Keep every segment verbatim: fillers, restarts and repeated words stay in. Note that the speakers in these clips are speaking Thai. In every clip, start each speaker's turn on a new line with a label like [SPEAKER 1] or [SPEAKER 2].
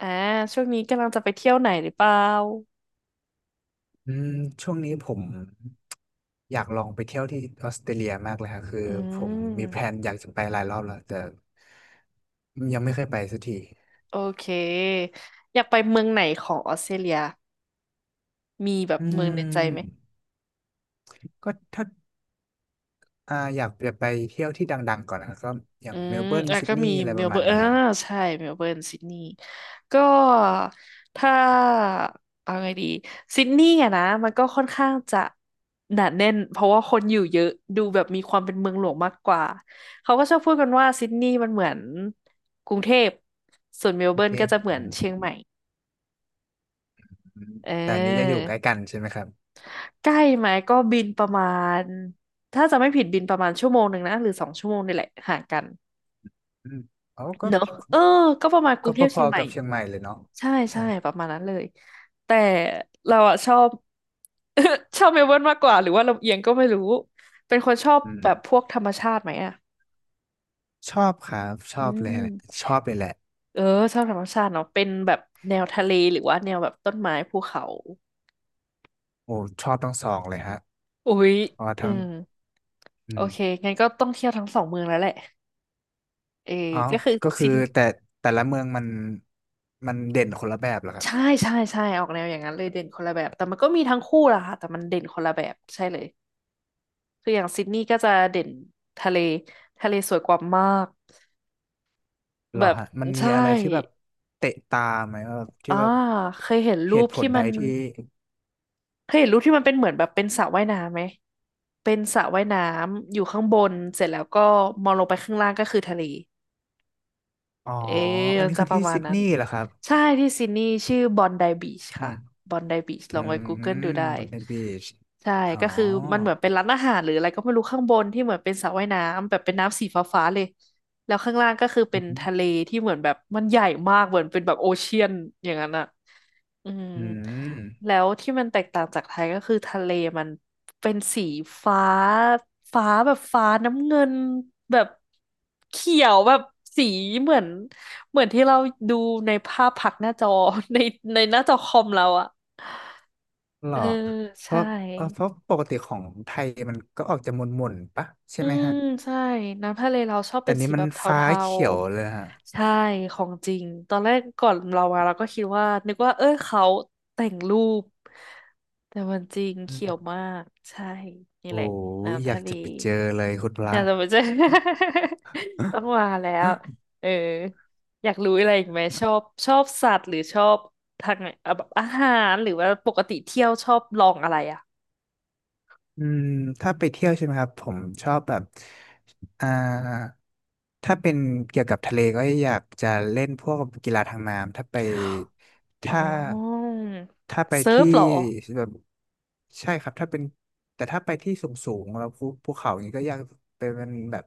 [SPEAKER 1] อ่าช่วงนี้กำลังจะไปเที่ยวไหนหรือเปล่า
[SPEAKER 2] อืมช่วงนี้ผมอยากลองไปเที่ยวที่ออสเตรเลียมากเลยค่ะคือ
[SPEAKER 1] อื
[SPEAKER 2] ผมมีแพล
[SPEAKER 1] ม
[SPEAKER 2] นอยากจะไปหลายรอบแล้วแต่ยังไม่เคยไปสักที
[SPEAKER 1] โอเคอยากไปเมืองไหนของออสเตรเลียมีแบบ
[SPEAKER 2] อื
[SPEAKER 1] เมืองในใจไหม
[SPEAKER 2] มก็ถ้าอ่าอยากจะไปเที่ยวที่ดังๆก่อนนะก็อย่า
[SPEAKER 1] อื
[SPEAKER 2] งเม
[SPEAKER 1] ม
[SPEAKER 2] ลเบิร์น
[SPEAKER 1] อ่ะ
[SPEAKER 2] ซิด
[SPEAKER 1] ก็
[SPEAKER 2] นี
[SPEAKER 1] มี
[SPEAKER 2] ย์อะไร
[SPEAKER 1] เม
[SPEAKER 2] ป
[SPEAKER 1] ล
[SPEAKER 2] ระ
[SPEAKER 1] เบิ
[SPEAKER 2] มาณ
[SPEAKER 1] ร์น
[SPEAKER 2] เนี้
[SPEAKER 1] อ่า
[SPEAKER 2] ย
[SPEAKER 1] ใช่เมลเบิร์นซิดนีย์ก็ถ้าเอาไงดีซิดนีย์อะนะมันก็ค่อนข้างจะหนาแน่นเพราะว่าคนอยู่เยอะดูแบบมีความเป็นเมืองหลวงมากกว่าเขาก็ชอบพูดกันว่าซิดนีย์มันเหมือนกรุงเทพส่วนเมล
[SPEAKER 2] กรุ
[SPEAKER 1] เบิ
[SPEAKER 2] ง
[SPEAKER 1] ร์น
[SPEAKER 2] เท
[SPEAKER 1] ก็
[SPEAKER 2] พ
[SPEAKER 1] จะเหมือ
[SPEAKER 2] อื
[SPEAKER 1] นเชียงใหม่
[SPEAKER 2] ม
[SPEAKER 1] เออ
[SPEAKER 2] แต่อันนี้จะอยู่ใกล้กันใช่ไหมครับ
[SPEAKER 1] ใกล้ไหมก็บินประมาณถ้าจะไม่ผิดบินประมาณชั่วโมงหนึ่งนะหรือสองชั่วโมงนี่แหละห่างกัน
[SPEAKER 2] อืมอ๋อก็
[SPEAKER 1] เนอะเออก็ประมาณกรุ
[SPEAKER 2] ก็
[SPEAKER 1] งเทพ
[SPEAKER 2] พ
[SPEAKER 1] เชีย
[SPEAKER 2] อ
[SPEAKER 1] งให
[SPEAKER 2] ๆ
[SPEAKER 1] ม่
[SPEAKER 2] กับเชียงใหม่เลยเนาะ
[SPEAKER 1] ใช่ใช่
[SPEAKER 2] ใช่
[SPEAKER 1] ประมาณนั้นเลยแต่เราอะชอบ ชอบเมลเบิร์นมากกว่าหรือว่าลำเอียงก็ไม่รู้เป็นคนชอบ
[SPEAKER 2] อืม
[SPEAKER 1] แบบพวกธรรมชาติไหมอะ
[SPEAKER 2] ชอบครับช
[SPEAKER 1] อื
[SPEAKER 2] อบเลยแหละ
[SPEAKER 1] ม
[SPEAKER 2] ชอบเลยแหละ
[SPEAKER 1] เออชอบธรรมชาติเนาะเป็นแบบแนวทะเลหรือว่าแนวแบบต้นไม้ภูเขา
[SPEAKER 2] โอ้ชอบทั้งสองเลยฮะ
[SPEAKER 1] อุ๊ย
[SPEAKER 2] เพราะว่า
[SPEAKER 1] อื
[SPEAKER 2] ทั้ง
[SPEAKER 1] ม
[SPEAKER 2] อื
[SPEAKER 1] โอเค
[SPEAKER 2] ม
[SPEAKER 1] งั้นก็ต้องเที่ยวทั้งสองเมืองแล้วแหละเออ
[SPEAKER 2] อ๋อ
[SPEAKER 1] ก็คือ
[SPEAKER 2] ก็คื
[SPEAKER 1] ซิ
[SPEAKER 2] อ
[SPEAKER 1] น
[SPEAKER 2] แต่แต่ละเมืองมันมันเด่นคนละแบบเหรอครับ
[SPEAKER 1] ใช่ใช่ใช่ออกแนวอย่างนั้นเลยเด่นคนละแบบแต่มันก็มีทั้งคู่ล่ะค่ะแต่มันเด่นคนละแบบใช่เลยคืออย่างซิดนีย์ก็จะเด่นทะเลทะเลสวยกว่ามาก
[SPEAKER 2] เหร
[SPEAKER 1] แบ
[SPEAKER 2] อ
[SPEAKER 1] บ
[SPEAKER 2] ฮะมันมี
[SPEAKER 1] ใช่
[SPEAKER 2] อะไรที่แบบเตะตาไหมแบบที่
[SPEAKER 1] อ่า
[SPEAKER 2] แบบ
[SPEAKER 1] เคยเห็น
[SPEAKER 2] เห
[SPEAKER 1] รูป
[SPEAKER 2] ตุผล
[SPEAKER 1] ที่
[SPEAKER 2] ใด
[SPEAKER 1] มัน
[SPEAKER 2] ที่
[SPEAKER 1] เคยเห็นรูปที่มันเป็นเหมือนแบบเป็นสระว่ายน้ำไหมเป็นสระว่ายน้ำอยู่ข้างบนเสร็จแล้วก็มองลงไปข้างล่างก็คือทะเล
[SPEAKER 2] อ๋อ
[SPEAKER 1] เอ๊ะ
[SPEAKER 2] อัน
[SPEAKER 1] มัน
[SPEAKER 2] นี้
[SPEAKER 1] จะ
[SPEAKER 2] คือ
[SPEAKER 1] ประ
[SPEAKER 2] ที่
[SPEAKER 1] มาณ
[SPEAKER 2] ซิด
[SPEAKER 1] นั้น
[SPEAKER 2] นีย์เหรอครับ
[SPEAKER 1] ใช่ที่ซิดนีย์ชื่อบอนไดบีช
[SPEAKER 2] อื
[SPEAKER 1] ค่ะ
[SPEAKER 2] ม
[SPEAKER 1] บอนไดบีชล
[SPEAKER 2] อื
[SPEAKER 1] องไป Google
[SPEAKER 2] ม
[SPEAKER 1] ดูได้
[SPEAKER 2] บนเดบีช
[SPEAKER 1] ใช่
[SPEAKER 2] อ๋อ
[SPEAKER 1] ก็คือมันเหมือนเป็นร้านอาหารหรืออะไรก็ไม่รู้ข้างบนที่เหมือนเป็นสระว่ายน้ำแบบเป็นน้ำสีฟ้าๆเลยแล้วข้างล่างก็คือเป็
[SPEAKER 2] อื
[SPEAKER 1] น
[SPEAKER 2] ม
[SPEAKER 1] ทะเลที่เหมือนแบบมันใหญ่มากเหมือนเป็นแบบโอเชียนอย่างนั้นอ่ะอืม
[SPEAKER 2] อื
[SPEAKER 1] แล้
[SPEAKER 2] ม
[SPEAKER 1] วที่มันแตกต่างจากไทยก็คือทะเลมันเป็นสีฟ้าฟ้าแบบฟ้าน้ำเงินแบบเขียวแบบสีเหมือน เหมือนที่เราดูในภาพผักหน้าจอ ในในหน้าจอคอมเราอะ
[SPEAKER 2] เหร
[SPEAKER 1] เอ
[SPEAKER 2] อ
[SPEAKER 1] อ
[SPEAKER 2] เพ
[SPEAKER 1] ใช่
[SPEAKER 2] ราะเออเพราะปกติของไทยมันก็ออกจะหม่นๆปะใช่
[SPEAKER 1] อื
[SPEAKER 2] ไหม
[SPEAKER 1] ม
[SPEAKER 2] ฮะ
[SPEAKER 1] ใช่ น้ำทะเลเราชอบ
[SPEAKER 2] แต่
[SPEAKER 1] เป็น
[SPEAKER 2] นี้
[SPEAKER 1] สี
[SPEAKER 2] มั
[SPEAKER 1] แบ
[SPEAKER 2] น
[SPEAKER 1] บเท
[SPEAKER 2] ฟ้า
[SPEAKER 1] า
[SPEAKER 2] เขียวเลยฮะ
[SPEAKER 1] ๆ ใช่ ของจริง ตอนแรกก่อนเรามาเราก็คิดว่านึกว่าเออเขาแต่งรูป แต่มันจริง
[SPEAKER 2] อื
[SPEAKER 1] เขียว
[SPEAKER 2] ม
[SPEAKER 1] มาก ใช่ นี่
[SPEAKER 2] โอ้
[SPEAKER 1] แหละ
[SPEAKER 2] ย
[SPEAKER 1] น้ำ
[SPEAKER 2] อยา
[SPEAKER 1] ทะ
[SPEAKER 2] ก
[SPEAKER 1] เล
[SPEAKER 2] จะไปเจอเลยคุณพ
[SPEAKER 1] อ
[SPEAKER 2] ระ
[SPEAKER 1] ยากจะมาเจอ ต้องมาแล้วเอออยากรู้อะไรอีกไหมชอบชอบสัตว์หรือชอบทางไหนอ่ะแบบอาหารหรือว่าปกติเที่ยวชอบลองอะไรอ่ะ
[SPEAKER 2] อืมถ้าไปเที่ยวใช่ไหมครับผมชอบแบบอ่าถ้าเป็นเกี่ยวกับทะเลก็อยากจะเล่นพวกกีฬาทางน้ำถ้าไป
[SPEAKER 1] อ๋อ
[SPEAKER 2] ถ้าถ้าไป
[SPEAKER 1] เซิร์
[SPEAKER 2] ที่
[SPEAKER 1] ฟเหรอ
[SPEAKER 2] แบบใช่ครับถ้าเป็นแต่ถ้าไปที่สูงสูงแล้วภูภูเขาอย่างนี้ก็อยากไปเป็นแบบ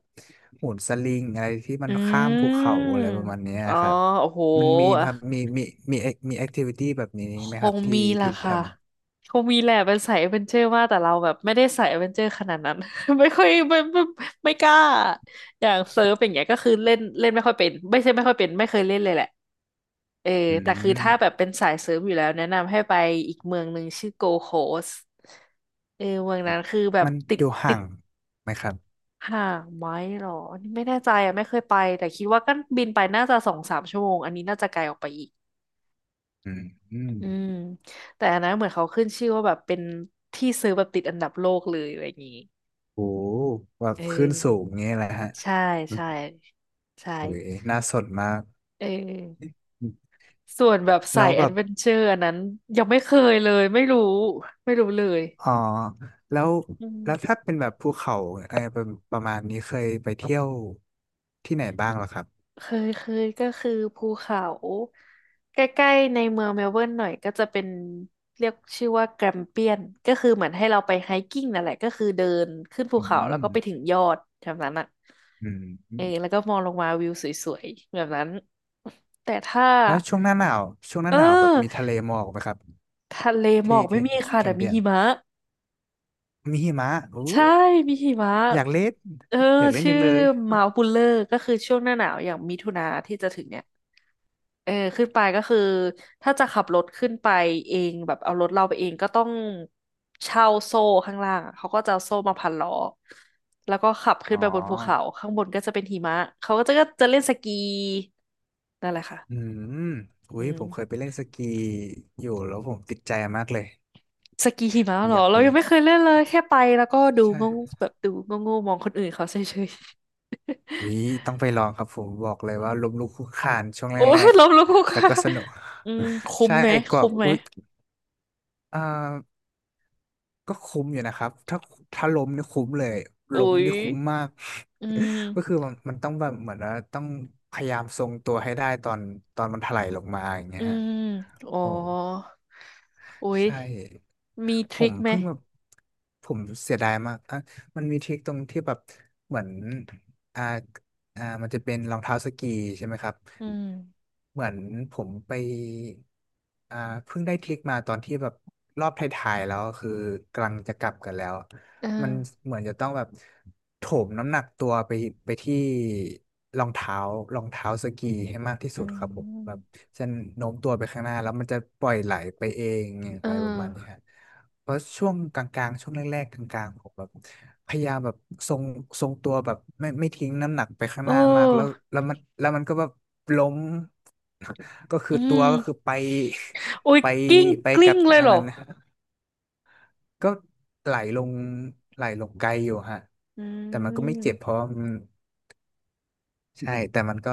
[SPEAKER 2] โหนสลิงอะไรที่มั
[SPEAKER 1] อื
[SPEAKER 2] นข้ามภูเขา
[SPEAKER 1] ม
[SPEAKER 2] อะไรประมาณเนี้ย
[SPEAKER 1] อ๋อ
[SPEAKER 2] ครับ
[SPEAKER 1] โอ้โห
[SPEAKER 2] มันมีไหม
[SPEAKER 1] อ่ะ
[SPEAKER 2] ครับมีมีมีมีแอคทิวิตี้แบบนี้
[SPEAKER 1] ค
[SPEAKER 2] ไหมครับ
[SPEAKER 1] ง
[SPEAKER 2] ที่
[SPEAKER 1] มีล่ะ
[SPEAKER 2] ที่แถ
[SPEAKER 1] ค่ะ
[SPEAKER 2] วนู้น
[SPEAKER 1] คงมีแหละเป็นสายแอดเวนเจอร์มากแต่เราแบบไม่ได้สายแอดเวนเจอร์ขนาดนั้น ไม่ค่อยไม่ไม่ไม่กล้าอย่างเซิร์ฟอย่างเงี้ยก็คือเล่นเล่นไม่ค่อยเป็นไม่ใช่ไม่ค่อยเป็นไม่เคยเล่นเลยแหละ เออ
[SPEAKER 2] อื
[SPEAKER 1] แต่คือถ้าแบบ
[SPEAKER 2] ม
[SPEAKER 1] เป็นสายเซิร์ฟอยู่แล้วแนะนำให้ไปอีกเมืองหนึ่งชื่อโกโคสเออเมืองนั้นคือแบบ
[SPEAKER 2] มัน
[SPEAKER 1] ติ
[SPEAKER 2] อ
[SPEAKER 1] ด
[SPEAKER 2] ยู่
[SPEAKER 1] ติ
[SPEAKER 2] ห่า
[SPEAKER 1] ด
[SPEAKER 2] งไหมครับ
[SPEAKER 1] ห่างไหมหรออันนี้ไม่แน่ใจอ่ะไม่เคยไปแต่คิดว่าก็บินไปน่าจะสองสามชั่วโมงอันนี้น่าจะไกลออกไปอีก
[SPEAKER 2] อืมอืม
[SPEAKER 1] อืม แต่อันนั้นเหมือนเขาขึ้นชื่อว่าแบบเป็นที่ซื้อแบบติดอันดับโลกเลยอะไรอย่างนี้
[SPEAKER 2] โหแบ
[SPEAKER 1] เ
[SPEAKER 2] บขึ้นสูง
[SPEAKER 1] ออ
[SPEAKER 2] งี้แหละฮะ
[SPEAKER 1] ใช่ใช่ใช่
[SPEAKER 2] โอ้ยน่าสนมาก
[SPEAKER 1] เออส่วนแบบสา
[SPEAKER 2] แล้ว
[SPEAKER 1] ยแอ
[SPEAKER 2] แบ
[SPEAKER 1] ด
[SPEAKER 2] บ
[SPEAKER 1] เวนเจอร์อันนั้นยังไม่เคยเลยไม่รู้ไม่รู้เลย
[SPEAKER 2] อ๋อแล้ว
[SPEAKER 1] อื
[SPEAKER 2] แล้วถ้า
[SPEAKER 1] ม
[SPEAKER 2] เป็นแบบภูเขาไอ้ประประมาณนี้เคยไปเที่ยวที่ไหนบ้างเหรอครับ
[SPEAKER 1] เคยเคยก็คือภูเขาใกล้ๆในเมืองเมลเบิร์นหน่อยก็จะเป็นเรียกชื่อว่าแกรมเปียนก็คือเหมือนให้เราไปไฮกิ้งนั่นแหละก็คือเดินขึ้นภู
[SPEAKER 2] อื
[SPEAKER 1] เขาแล้ว
[SPEAKER 2] ม
[SPEAKER 1] ก็ไปถึงยอดแบบนั้นอ่ะ
[SPEAKER 2] อืม
[SPEAKER 1] เออแล้วก็มองลงมาวิวสวยๆแบบนั้นแต่ถ้า
[SPEAKER 2] แล้วช่วงหน้าหนาวช่วงห
[SPEAKER 1] เอ
[SPEAKER 2] น้า
[SPEAKER 1] อ
[SPEAKER 2] หนาวแบบมีทะเลหมอกไหมครับ
[SPEAKER 1] ทะเลหมอ
[SPEAKER 2] ที่
[SPEAKER 1] กไม่
[SPEAKER 2] ที่
[SPEAKER 1] มีค่ะ
[SPEAKER 2] แค
[SPEAKER 1] แต่
[SPEAKER 2] ม
[SPEAKER 1] มี
[SPEAKER 2] เปียน
[SPEAKER 1] หิมะ
[SPEAKER 2] มีหิมะอู้
[SPEAKER 1] ใช่มีหิมะ
[SPEAKER 2] อยากเล่น
[SPEAKER 1] เออ
[SPEAKER 2] อยากเล่น
[SPEAKER 1] ชื่
[SPEAKER 2] จั
[SPEAKER 1] อ
[SPEAKER 2] งเลย
[SPEAKER 1] มา u บุลเลอร์ก็คือช่วงหน้าหนาวอย่างมิถุนาที่จะถึงเนี่ย เออขึ้นไปก็คือถ้าจะขับรถขึ้นไปเองแบบเอารถเราไปเองก็ต้องเช่าโซ่ข้างล่างอะเขาก็จะเอาโซ่มาพันล้อแล้วก็ขับขึ้
[SPEAKER 2] อ๋
[SPEAKER 1] น
[SPEAKER 2] อ
[SPEAKER 1] ไปบนภูเขาข้างบนก็จะเป็นหิมะเขาก็จะก็จะเล่นสกีนั่นแหละ
[SPEAKER 2] อื
[SPEAKER 1] ค่ะ
[SPEAKER 2] มอุ้
[SPEAKER 1] อื
[SPEAKER 2] ยผ
[SPEAKER 1] ม
[SPEAKER 2] มเคยไปเล่นสกีอยู่แล้วผมติดใจมากเลย
[SPEAKER 1] สกีหิมะเหร
[SPEAKER 2] อ
[SPEAKER 1] อ
[SPEAKER 2] ยากไป
[SPEAKER 1] เรายัง
[SPEAKER 2] เล่น
[SPEAKER 1] ไม่เคยเล่นเลยแค่ไปแล้วก็ดู
[SPEAKER 2] ใช่
[SPEAKER 1] งงแบบดูงงๆมองคนอื่นเขาเฉยๆ
[SPEAKER 2] อุ้ยต้องไปลองครับผมบอกเล ย
[SPEAKER 1] อืม
[SPEAKER 2] ว่าล้มลุกคลุกคลานช่วงแร
[SPEAKER 1] โอ้ย
[SPEAKER 2] ก
[SPEAKER 1] ล้มลุกคลุก
[SPEAKER 2] ๆ
[SPEAKER 1] ค
[SPEAKER 2] แต่
[SPEAKER 1] ลา
[SPEAKER 2] ก็
[SPEAKER 1] น
[SPEAKER 2] สนุก
[SPEAKER 1] อืมคุ้ม
[SPEAKER 2] ใช่
[SPEAKER 1] ไหม
[SPEAKER 2] ก็
[SPEAKER 1] คุ้มไหม
[SPEAKER 2] อุ้ยอ่าก็คุ้มอยู่นะครับ ถ้าถ้าล้มนี่คุ้มเลย
[SPEAKER 1] โอ้
[SPEAKER 2] ล้ม
[SPEAKER 1] ย
[SPEAKER 2] นี่คุ้มมาก
[SPEAKER 1] อื
[SPEAKER 2] ก็คือ
[SPEAKER 1] ม
[SPEAKER 2] มันมันต้องแบบเหมือนว่าต้องพยายามทรงตัวให้ได้ตอนตอนมันถลายลงมาอย่างเงี้
[SPEAKER 1] อื
[SPEAKER 2] ยฮะ
[SPEAKER 1] มอ๋อ
[SPEAKER 2] โอ้
[SPEAKER 1] อุ๊ย
[SPEAKER 2] ใช่
[SPEAKER 1] มีท
[SPEAKER 2] ผ
[SPEAKER 1] ริ
[SPEAKER 2] ม
[SPEAKER 1] คไหม
[SPEAKER 2] เพิ่งแบบผมเสียดายมากอ่ะมันมีทริคตรงที่แบบเหมือนอ่าอ่ามันจะเป็นรองเท้าสกีใช่ไหมครับ
[SPEAKER 1] อืม
[SPEAKER 2] เหมือนผมไปอ่าเพิ่งได้ทริคมาตอนที่แบบรอบท้ายๆแล้วคือกำลังจะกลับกันแล้ว
[SPEAKER 1] เอ
[SPEAKER 2] มัน
[SPEAKER 1] อ
[SPEAKER 2] เหมือนจะต้องแบบโถมน้ำหนักตัวไปไปที่รองเท้ารองเท้าสกีให้มากที่
[SPEAKER 1] อื
[SPEAKER 2] สุดครับผมแบบ
[SPEAKER 1] ม
[SPEAKER 2] จะโน้มตัวไปข้างหน้าแล้วมันจะปล่อยไหลไปเอง
[SPEAKER 1] เอ
[SPEAKER 2] อะไรประมาณนี้ค
[SPEAKER 1] อ
[SPEAKER 2] รับเพราะช่วงกลางๆช่วงแรกๆกลางๆผมแบบพยายามแบบทรงทรงตัวแบบไม่ไม่ทิ้งน้ำหนักไปข้าง
[SPEAKER 1] เ
[SPEAKER 2] หน้ามากแล้ว
[SPEAKER 1] ออ
[SPEAKER 2] แล้วมันแล้วมันก็แบบล้ม ก็คื
[SPEAKER 1] อื
[SPEAKER 2] อตัว
[SPEAKER 1] ม
[SPEAKER 2] ก็คือไป
[SPEAKER 1] อุ๊ย
[SPEAKER 2] ไป
[SPEAKER 1] กิ้ง
[SPEAKER 2] ไป
[SPEAKER 1] ก
[SPEAKER 2] กั
[SPEAKER 1] ลิ้ง
[SPEAKER 2] บ
[SPEAKER 1] เลย
[SPEAKER 2] อัน
[SPEAKER 1] เหรอ
[SPEAKER 2] นั้นนะก็ไหลลงไหลลงไกลอยู่ฮะ
[SPEAKER 1] อื
[SPEAKER 2] แต่มันก็ไม่เจ็บเพ
[SPEAKER 1] ม
[SPEAKER 2] ราะมันใช่แต่มันก็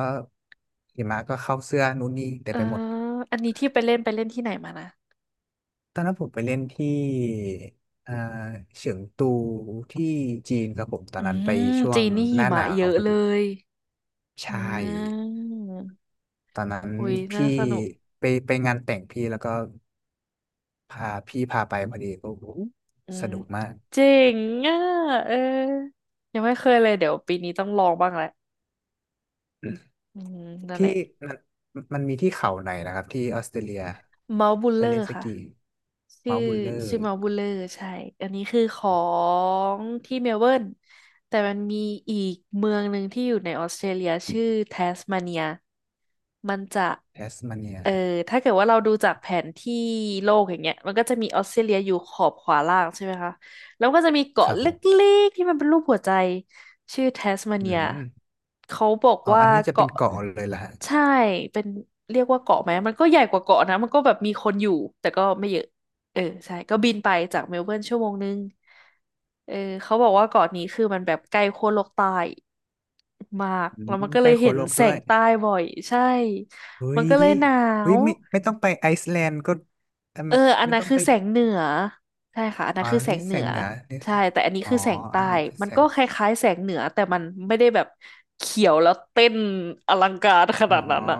[SPEAKER 2] หิมะก็เข้าเสื้อนู่นนี่แต่
[SPEAKER 1] เออ
[SPEAKER 2] ไปหมด
[SPEAKER 1] อันนี้ที่ไปเล่นไปเล่นที่ไหนมานะ
[SPEAKER 2] ตอนนั้นผมไปเล่นที่อ่าเฉิงตูที่จีนครับผมตอ
[SPEAKER 1] อื
[SPEAKER 2] นนั้นไป
[SPEAKER 1] ม
[SPEAKER 2] ช่ว
[SPEAKER 1] จี
[SPEAKER 2] ง
[SPEAKER 1] นนี่
[SPEAKER 2] ห
[SPEAKER 1] หิ
[SPEAKER 2] น้าห
[SPEAKER 1] มะ
[SPEAKER 2] นา
[SPEAKER 1] เย
[SPEAKER 2] ว
[SPEAKER 1] อะ
[SPEAKER 2] พอ
[SPEAKER 1] เล
[SPEAKER 2] ดี
[SPEAKER 1] ย
[SPEAKER 2] ใช
[SPEAKER 1] อ่
[SPEAKER 2] ่
[SPEAKER 1] า
[SPEAKER 2] ตอนนั้น
[SPEAKER 1] อุ๊ยน่า
[SPEAKER 2] พี่
[SPEAKER 1] สนุก
[SPEAKER 2] ไปไปงานแต่งพี่แล้วก็พาพี่พาไปพอดีก็โอ้โห
[SPEAKER 1] อื
[SPEAKER 2] ส
[SPEAKER 1] ม
[SPEAKER 2] นุกมาก
[SPEAKER 1] เจ๋งอ่ะเออยังไม่เคยเลยเดี๋ยวปีนี้ต้องลองบ้างแหละอืมนั่นแห
[SPEAKER 2] ที่
[SPEAKER 1] ละ
[SPEAKER 2] มันมันมีที่เขาไหนนะครับที่ออสเตรเลีย
[SPEAKER 1] เมาส์บูล
[SPEAKER 2] ไป
[SPEAKER 1] เลอ
[SPEAKER 2] เล่
[SPEAKER 1] ร์
[SPEAKER 2] นส
[SPEAKER 1] ค่ะ
[SPEAKER 2] กี
[SPEAKER 1] ชื่อ
[SPEAKER 2] เมาท์บุลเลอร์
[SPEAKER 1] ชื่อเมาส์บูลเลอร์ใช่อันนี้คือขอ
[SPEAKER 2] ของ
[SPEAKER 1] งที่เมลเบิร์นแต่มันมีอีกเมืองหนึ่งที่อยู่ในออสเตรเลียชื่อแทสมาเนียมันจะ
[SPEAKER 2] แทสมาเนีย
[SPEAKER 1] เออถ้าเกิดว่าเราดูจากแผนที่โลกอย่างเงี้ยมันก็จะมีออสเตรเลียอยู่ขอบขวาล่างใช่ไหมคะแล้วก็จะมี
[SPEAKER 2] ค
[SPEAKER 1] เกาะ
[SPEAKER 2] รับ
[SPEAKER 1] เล
[SPEAKER 2] ผม
[SPEAKER 1] ็กๆที่มันเป็นรูปหัวใจชื่อแทสมา
[SPEAKER 2] อื
[SPEAKER 1] เนีย
[SPEAKER 2] ม
[SPEAKER 1] เขาบอก
[SPEAKER 2] อ๋อ
[SPEAKER 1] ว่า
[SPEAKER 2] อันนี้จะเป็น
[SPEAKER 1] เกาะ
[SPEAKER 2] เกาะเลยล่ะฮะ
[SPEAKER 1] ใช่เป็นเรียกว่าเกาะไหมมันก็ใหญ่กว่าเกาะนะมันก็แบบมีคนอยู่แต่ก็ไม่เยอะเออใช่ก็บินไปจากเมลเบิร์นชั่วโมงนึงเออเขาบอกว่าเกาะนี้คือมันแบบใกล้ขั้วโลกใต้มาก
[SPEAKER 2] อื
[SPEAKER 1] แล้
[SPEAKER 2] ม
[SPEAKER 1] วมันก็
[SPEAKER 2] ใก
[SPEAKER 1] เล
[SPEAKER 2] ล้
[SPEAKER 1] ย
[SPEAKER 2] โค
[SPEAKER 1] เห็น
[SPEAKER 2] โลก
[SPEAKER 1] แส
[SPEAKER 2] ด้ว
[SPEAKER 1] ง
[SPEAKER 2] ย
[SPEAKER 1] ใต้บ่อยใช่
[SPEAKER 2] เฮ้
[SPEAKER 1] มัน
[SPEAKER 2] ย
[SPEAKER 1] ก็เลยหนา
[SPEAKER 2] เฮ้ย
[SPEAKER 1] ว
[SPEAKER 2] ไม่ไม่ต้องไปไอซ์แลนด์ก็อืม
[SPEAKER 1] เอออัน
[SPEAKER 2] ไม่
[SPEAKER 1] นั้น
[SPEAKER 2] ต้อง
[SPEAKER 1] คือ
[SPEAKER 2] ไป
[SPEAKER 1] แสงเหนือใช่ค่ะอัน
[SPEAKER 2] อ๋
[SPEAKER 1] นั้น
[SPEAKER 2] อ
[SPEAKER 1] คือแส
[SPEAKER 2] นี่
[SPEAKER 1] งเห
[SPEAKER 2] แส
[SPEAKER 1] นื
[SPEAKER 2] ง
[SPEAKER 1] อ
[SPEAKER 2] เหนือนี่
[SPEAKER 1] ใช่แต่อันนี้
[SPEAKER 2] อ๋อ
[SPEAKER 1] คือแสงใต้
[SPEAKER 2] อันนี้เป็น
[SPEAKER 1] มั
[SPEAKER 2] แส
[SPEAKER 1] นก็
[SPEAKER 2] ง
[SPEAKER 1] คล้ายๆแสงเหนือแต่มันไม่ได้แบบเขียวแล้วเต้นอลังการข
[SPEAKER 2] อ๋
[SPEAKER 1] นา
[SPEAKER 2] อ
[SPEAKER 1] ดนั้นอะ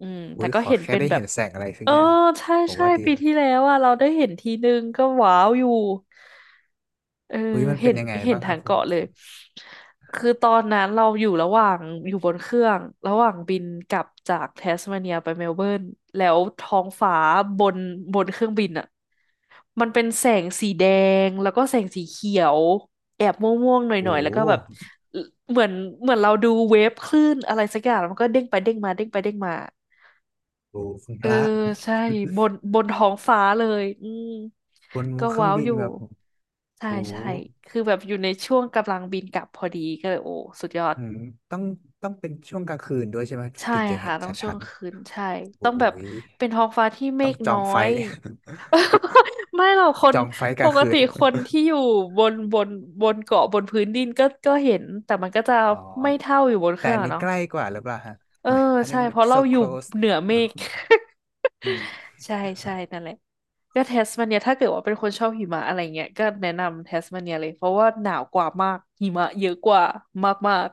[SPEAKER 1] อืม
[SPEAKER 2] อุ้
[SPEAKER 1] แต่
[SPEAKER 2] ย
[SPEAKER 1] ก็
[SPEAKER 2] ขอ
[SPEAKER 1] เห็น
[SPEAKER 2] แค่
[SPEAKER 1] เป็น
[SPEAKER 2] ได้
[SPEAKER 1] แบ
[SPEAKER 2] เห็
[SPEAKER 1] บ
[SPEAKER 2] นแสงอะไรสัก
[SPEAKER 1] เออ
[SPEAKER 2] อย่าง
[SPEAKER 1] ใช่
[SPEAKER 2] ผม
[SPEAKER 1] ใช่
[SPEAKER 2] ว่าดี
[SPEAKER 1] ปี
[SPEAKER 2] นะ
[SPEAKER 1] ที่แล้วอ่ะเราได้เห็นทีนึงก็ว้าวอยู่เออ
[SPEAKER 2] อุ้ยมัน
[SPEAKER 1] เห็
[SPEAKER 2] เป็น
[SPEAKER 1] น
[SPEAKER 2] ยังไง
[SPEAKER 1] เห็น
[SPEAKER 2] บ้างค
[SPEAKER 1] ทา
[SPEAKER 2] รับ
[SPEAKER 1] ง
[SPEAKER 2] ผม
[SPEAKER 1] เกาะเล
[SPEAKER 2] ผ
[SPEAKER 1] ย
[SPEAKER 2] ม
[SPEAKER 1] คือตอนนั้นเราอยู่ระหว่างอยู่บนเครื่องระหว่างบินกลับจากแทสเมาเนียไปเมลเบิร์นแล้วท้องฟ้าบนบนเครื่องบินอ่ะมันเป็นแสงสีแดงแล้วก็แสงสีเขียวแอบม่วงๆหน่อ
[SPEAKER 2] โอ้
[SPEAKER 1] ยๆแล้
[SPEAKER 2] โห
[SPEAKER 1] วก็แบบ เหมือนเหมือนเราดูเวฟคลื่นอะไรสักอย่างแล้วมันก็เด้งไปเด้งมาเด้งไปเด้งมา
[SPEAKER 2] โอ้โหคุณ
[SPEAKER 1] เอ
[SPEAKER 2] พ
[SPEAKER 1] อ
[SPEAKER 2] ระ
[SPEAKER 1] ใช่บนบนท้องฟ้าเลยอืม
[SPEAKER 2] บน
[SPEAKER 1] ก็
[SPEAKER 2] เครื่อง
[SPEAKER 1] ว้าว
[SPEAKER 2] บิ
[SPEAKER 1] อ
[SPEAKER 2] น
[SPEAKER 1] ยู่
[SPEAKER 2] แบบ
[SPEAKER 1] ใช่
[SPEAKER 2] โอ้โห
[SPEAKER 1] ใช่คือแบบอยู่ในช่วงกำลังบินกลับพอดีก็เลยโอ้สุดยอด
[SPEAKER 2] อืมต้องต้องเป็นช่วงกลางคืนด้วยใช่ไหม
[SPEAKER 1] ใช่
[SPEAKER 2] ถึงจะเห็
[SPEAKER 1] ค่ะ
[SPEAKER 2] น
[SPEAKER 1] ต้
[SPEAKER 2] ช
[SPEAKER 1] องช่ว
[SPEAKER 2] ั
[SPEAKER 1] ง
[SPEAKER 2] ด
[SPEAKER 1] คืนใช่
[SPEAKER 2] ๆโอ้
[SPEAKER 1] ต้องแบบ
[SPEAKER 2] ย
[SPEAKER 1] เป็นท้องฟ้าที่เม
[SPEAKER 2] ต้อง
[SPEAKER 1] ฆ
[SPEAKER 2] จอ
[SPEAKER 1] น้อ
[SPEAKER 2] งไฟ
[SPEAKER 1] ย
[SPEAKER 2] ท์
[SPEAKER 1] ไม่หรอกค
[SPEAKER 2] จ
[SPEAKER 1] น
[SPEAKER 2] องไฟท์ก
[SPEAKER 1] ป
[SPEAKER 2] ลาง
[SPEAKER 1] ก
[SPEAKER 2] คื
[SPEAKER 1] ติ
[SPEAKER 2] น
[SPEAKER 1] คนที่อยู่บนบนบนเกาะบนพื้นดินก็ก็เห็นแต่มันก็จะ
[SPEAKER 2] อ๋อ
[SPEAKER 1] ไม่เท่าอยู่บนเค
[SPEAKER 2] แต่
[SPEAKER 1] รื่อง
[SPEAKER 2] อัน
[SPEAKER 1] อะ
[SPEAKER 2] นี้
[SPEAKER 1] เนาะ
[SPEAKER 2] ใกล้กว่าหรือเปล่าฮะ
[SPEAKER 1] เออ
[SPEAKER 2] อันนี้
[SPEAKER 1] ใช่
[SPEAKER 2] มัน
[SPEAKER 1] เพราะเรา
[SPEAKER 2] so
[SPEAKER 1] อยู่
[SPEAKER 2] close
[SPEAKER 1] เหนือเมฆ
[SPEAKER 2] อืม
[SPEAKER 1] ใช่ใช่นั่นแหละก็แทสมาเนียถ้าเกิดว่าเป็นคนชอบหิมะอะไรเงี้ยก็แนะนำแทสมาเนียเลยเพราะว่าหนาวกว่ามากหิมะเยอะกว่ามาก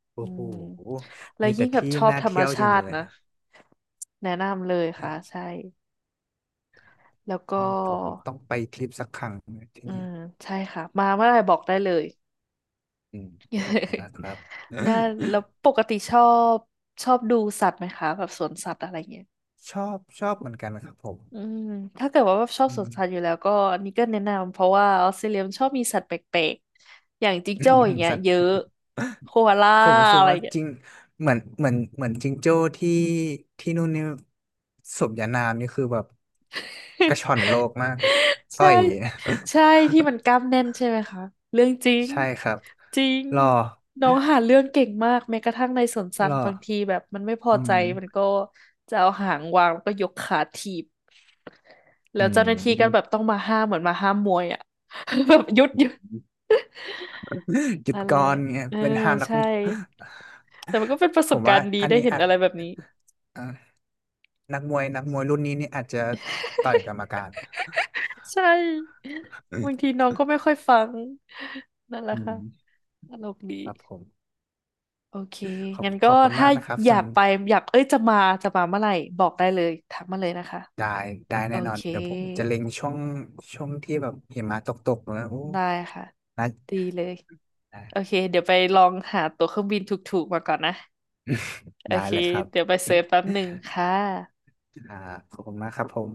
[SPEAKER 1] ๆอื
[SPEAKER 2] โอ้โห
[SPEAKER 1] มแล้ว
[SPEAKER 2] มีแต่
[SPEAKER 1] ยิ่งแบบ
[SPEAKER 2] ที่
[SPEAKER 1] ชอบ
[SPEAKER 2] น่า
[SPEAKER 1] ธรรม
[SPEAKER 2] เที่ยวจั
[SPEAKER 1] ชา
[SPEAKER 2] งเล
[SPEAKER 1] ติ
[SPEAKER 2] ย
[SPEAKER 1] นะแนะนำเลยค่ะใช่แล้วก็
[SPEAKER 2] ผมต้องไปทริปสักครั้งที่
[SPEAKER 1] อื
[SPEAKER 2] นี่
[SPEAKER 1] มใช่ค่ะมาเมื่อไหร่บอกได้เลย
[SPEAKER 2] อืมขอบคุณนะครับ
[SPEAKER 1] ได้แล้วปกติชอบชอบดูสัตว์ไหมคะแบบสวนสัตว์อะไรเงี้ย
[SPEAKER 2] ชอบชอบเหมือนกันครับผม
[SPEAKER 1] อืม ถ้าเกิดว่าชอบ
[SPEAKER 2] อื
[SPEAKER 1] สวน
[SPEAKER 2] ม
[SPEAKER 1] สัตว์อยู่แล้วก็อันนี้ก็แนะนำเพราะว่าออสเตรเลียมันชอบมีสัตว์แปลกๆอย่างจิงโจ้อย่าง เงี้ย
[SPEAKER 2] สัตว์
[SPEAKER 1] เยอะโคอาล่า
[SPEAKER 2] ผมรู้สึก
[SPEAKER 1] อะไรอ
[SPEAKER 2] ว่า
[SPEAKER 1] ย่างเงี้ย
[SPEAKER 2] จริง เหมือนเหมือนเหมือนจิงโจ้ที่ที่นู่นนี่สมญานามนี่คือแบบกระ ช่อนโลกมากต่
[SPEAKER 1] ใช่
[SPEAKER 2] อย
[SPEAKER 1] ใช่ที่มันกล้ามแน่นใช่ไหมคะเรื่องจริง
[SPEAKER 2] ใช่ครับ
[SPEAKER 1] จริง
[SPEAKER 2] รอ
[SPEAKER 1] น้องหาเรื่องเก่งมากแม้กระทั่งในสวนสั
[SPEAKER 2] ร
[SPEAKER 1] ตว์
[SPEAKER 2] อ
[SPEAKER 1] บางทีแบบมันไม่พอ
[SPEAKER 2] อื
[SPEAKER 1] ใจ
[SPEAKER 2] ม
[SPEAKER 1] มันก็จะเอาหางวางแล้วก็ยกขาถีบ
[SPEAKER 2] อื
[SPEAKER 1] แล้วเจ้าหน้าที่ก็แบบ
[SPEAKER 2] ม
[SPEAKER 1] ต้องมาห้ามเหมือนมาห้ามมวยอ่ะ แบบหยุดหยุด
[SPEAKER 2] หยุด
[SPEAKER 1] นั่นแห
[SPEAKER 2] ก่อ
[SPEAKER 1] ละ
[SPEAKER 2] นเนี่ย
[SPEAKER 1] เออ
[SPEAKER 2] เป็นห้ามนัก
[SPEAKER 1] ใช่ แต่มันก็เป็นประ
[SPEAKER 2] ผ
[SPEAKER 1] สบ
[SPEAKER 2] ม
[SPEAKER 1] กา
[SPEAKER 2] ว่า
[SPEAKER 1] รณ์ดี
[SPEAKER 2] อัน
[SPEAKER 1] ได้
[SPEAKER 2] นี้
[SPEAKER 1] เห็น
[SPEAKER 2] อาจ
[SPEAKER 1] อะไรแบบนี้
[SPEAKER 2] เอ่อนักมวยนักมวยรุ่นนี้นี่อาจจะต่อยกรรมการ
[SPEAKER 1] ใช่บางทีน้องก็ไม่ค่อยฟังนั่นแหละ
[SPEAKER 2] อื
[SPEAKER 1] ค่ะ
[SPEAKER 2] ม
[SPEAKER 1] ตลกดี
[SPEAKER 2] ครับผม
[SPEAKER 1] โอเค
[SPEAKER 2] ขอบ
[SPEAKER 1] งั้น
[SPEAKER 2] ข
[SPEAKER 1] ก็
[SPEAKER 2] อบคุณ
[SPEAKER 1] ถ้า
[SPEAKER 2] มากนะครับ
[SPEAKER 1] อยา
[SPEAKER 2] สำ
[SPEAKER 1] กไปอยากเอ้ยจะมาจะมาเมื่อไหร่บอกได้เลยทักมาเลยนะคะ
[SPEAKER 2] ได้ได้
[SPEAKER 1] โอ
[SPEAKER 2] แน่นอน
[SPEAKER 1] เค
[SPEAKER 2] เดี๋ยวผมจะเล็งช่วงช่วงที่แบบหิมะตกๆนะโอ้
[SPEAKER 1] ได้ค่ะ
[SPEAKER 2] น่า
[SPEAKER 1] ดีเลยโอเคเดี๋ยวไปลองหาตั๋วเครื่องบินถูกๆมาก่อนนะ โอ
[SPEAKER 2] ได้
[SPEAKER 1] เค
[SPEAKER 2] เลยครั
[SPEAKER 1] เดี๋ยว
[SPEAKER 2] บ
[SPEAKER 1] ไปเซิร์ชแป๊บหนึ่งค่ะ
[SPEAKER 2] อ่าขอบคุณมากครับผม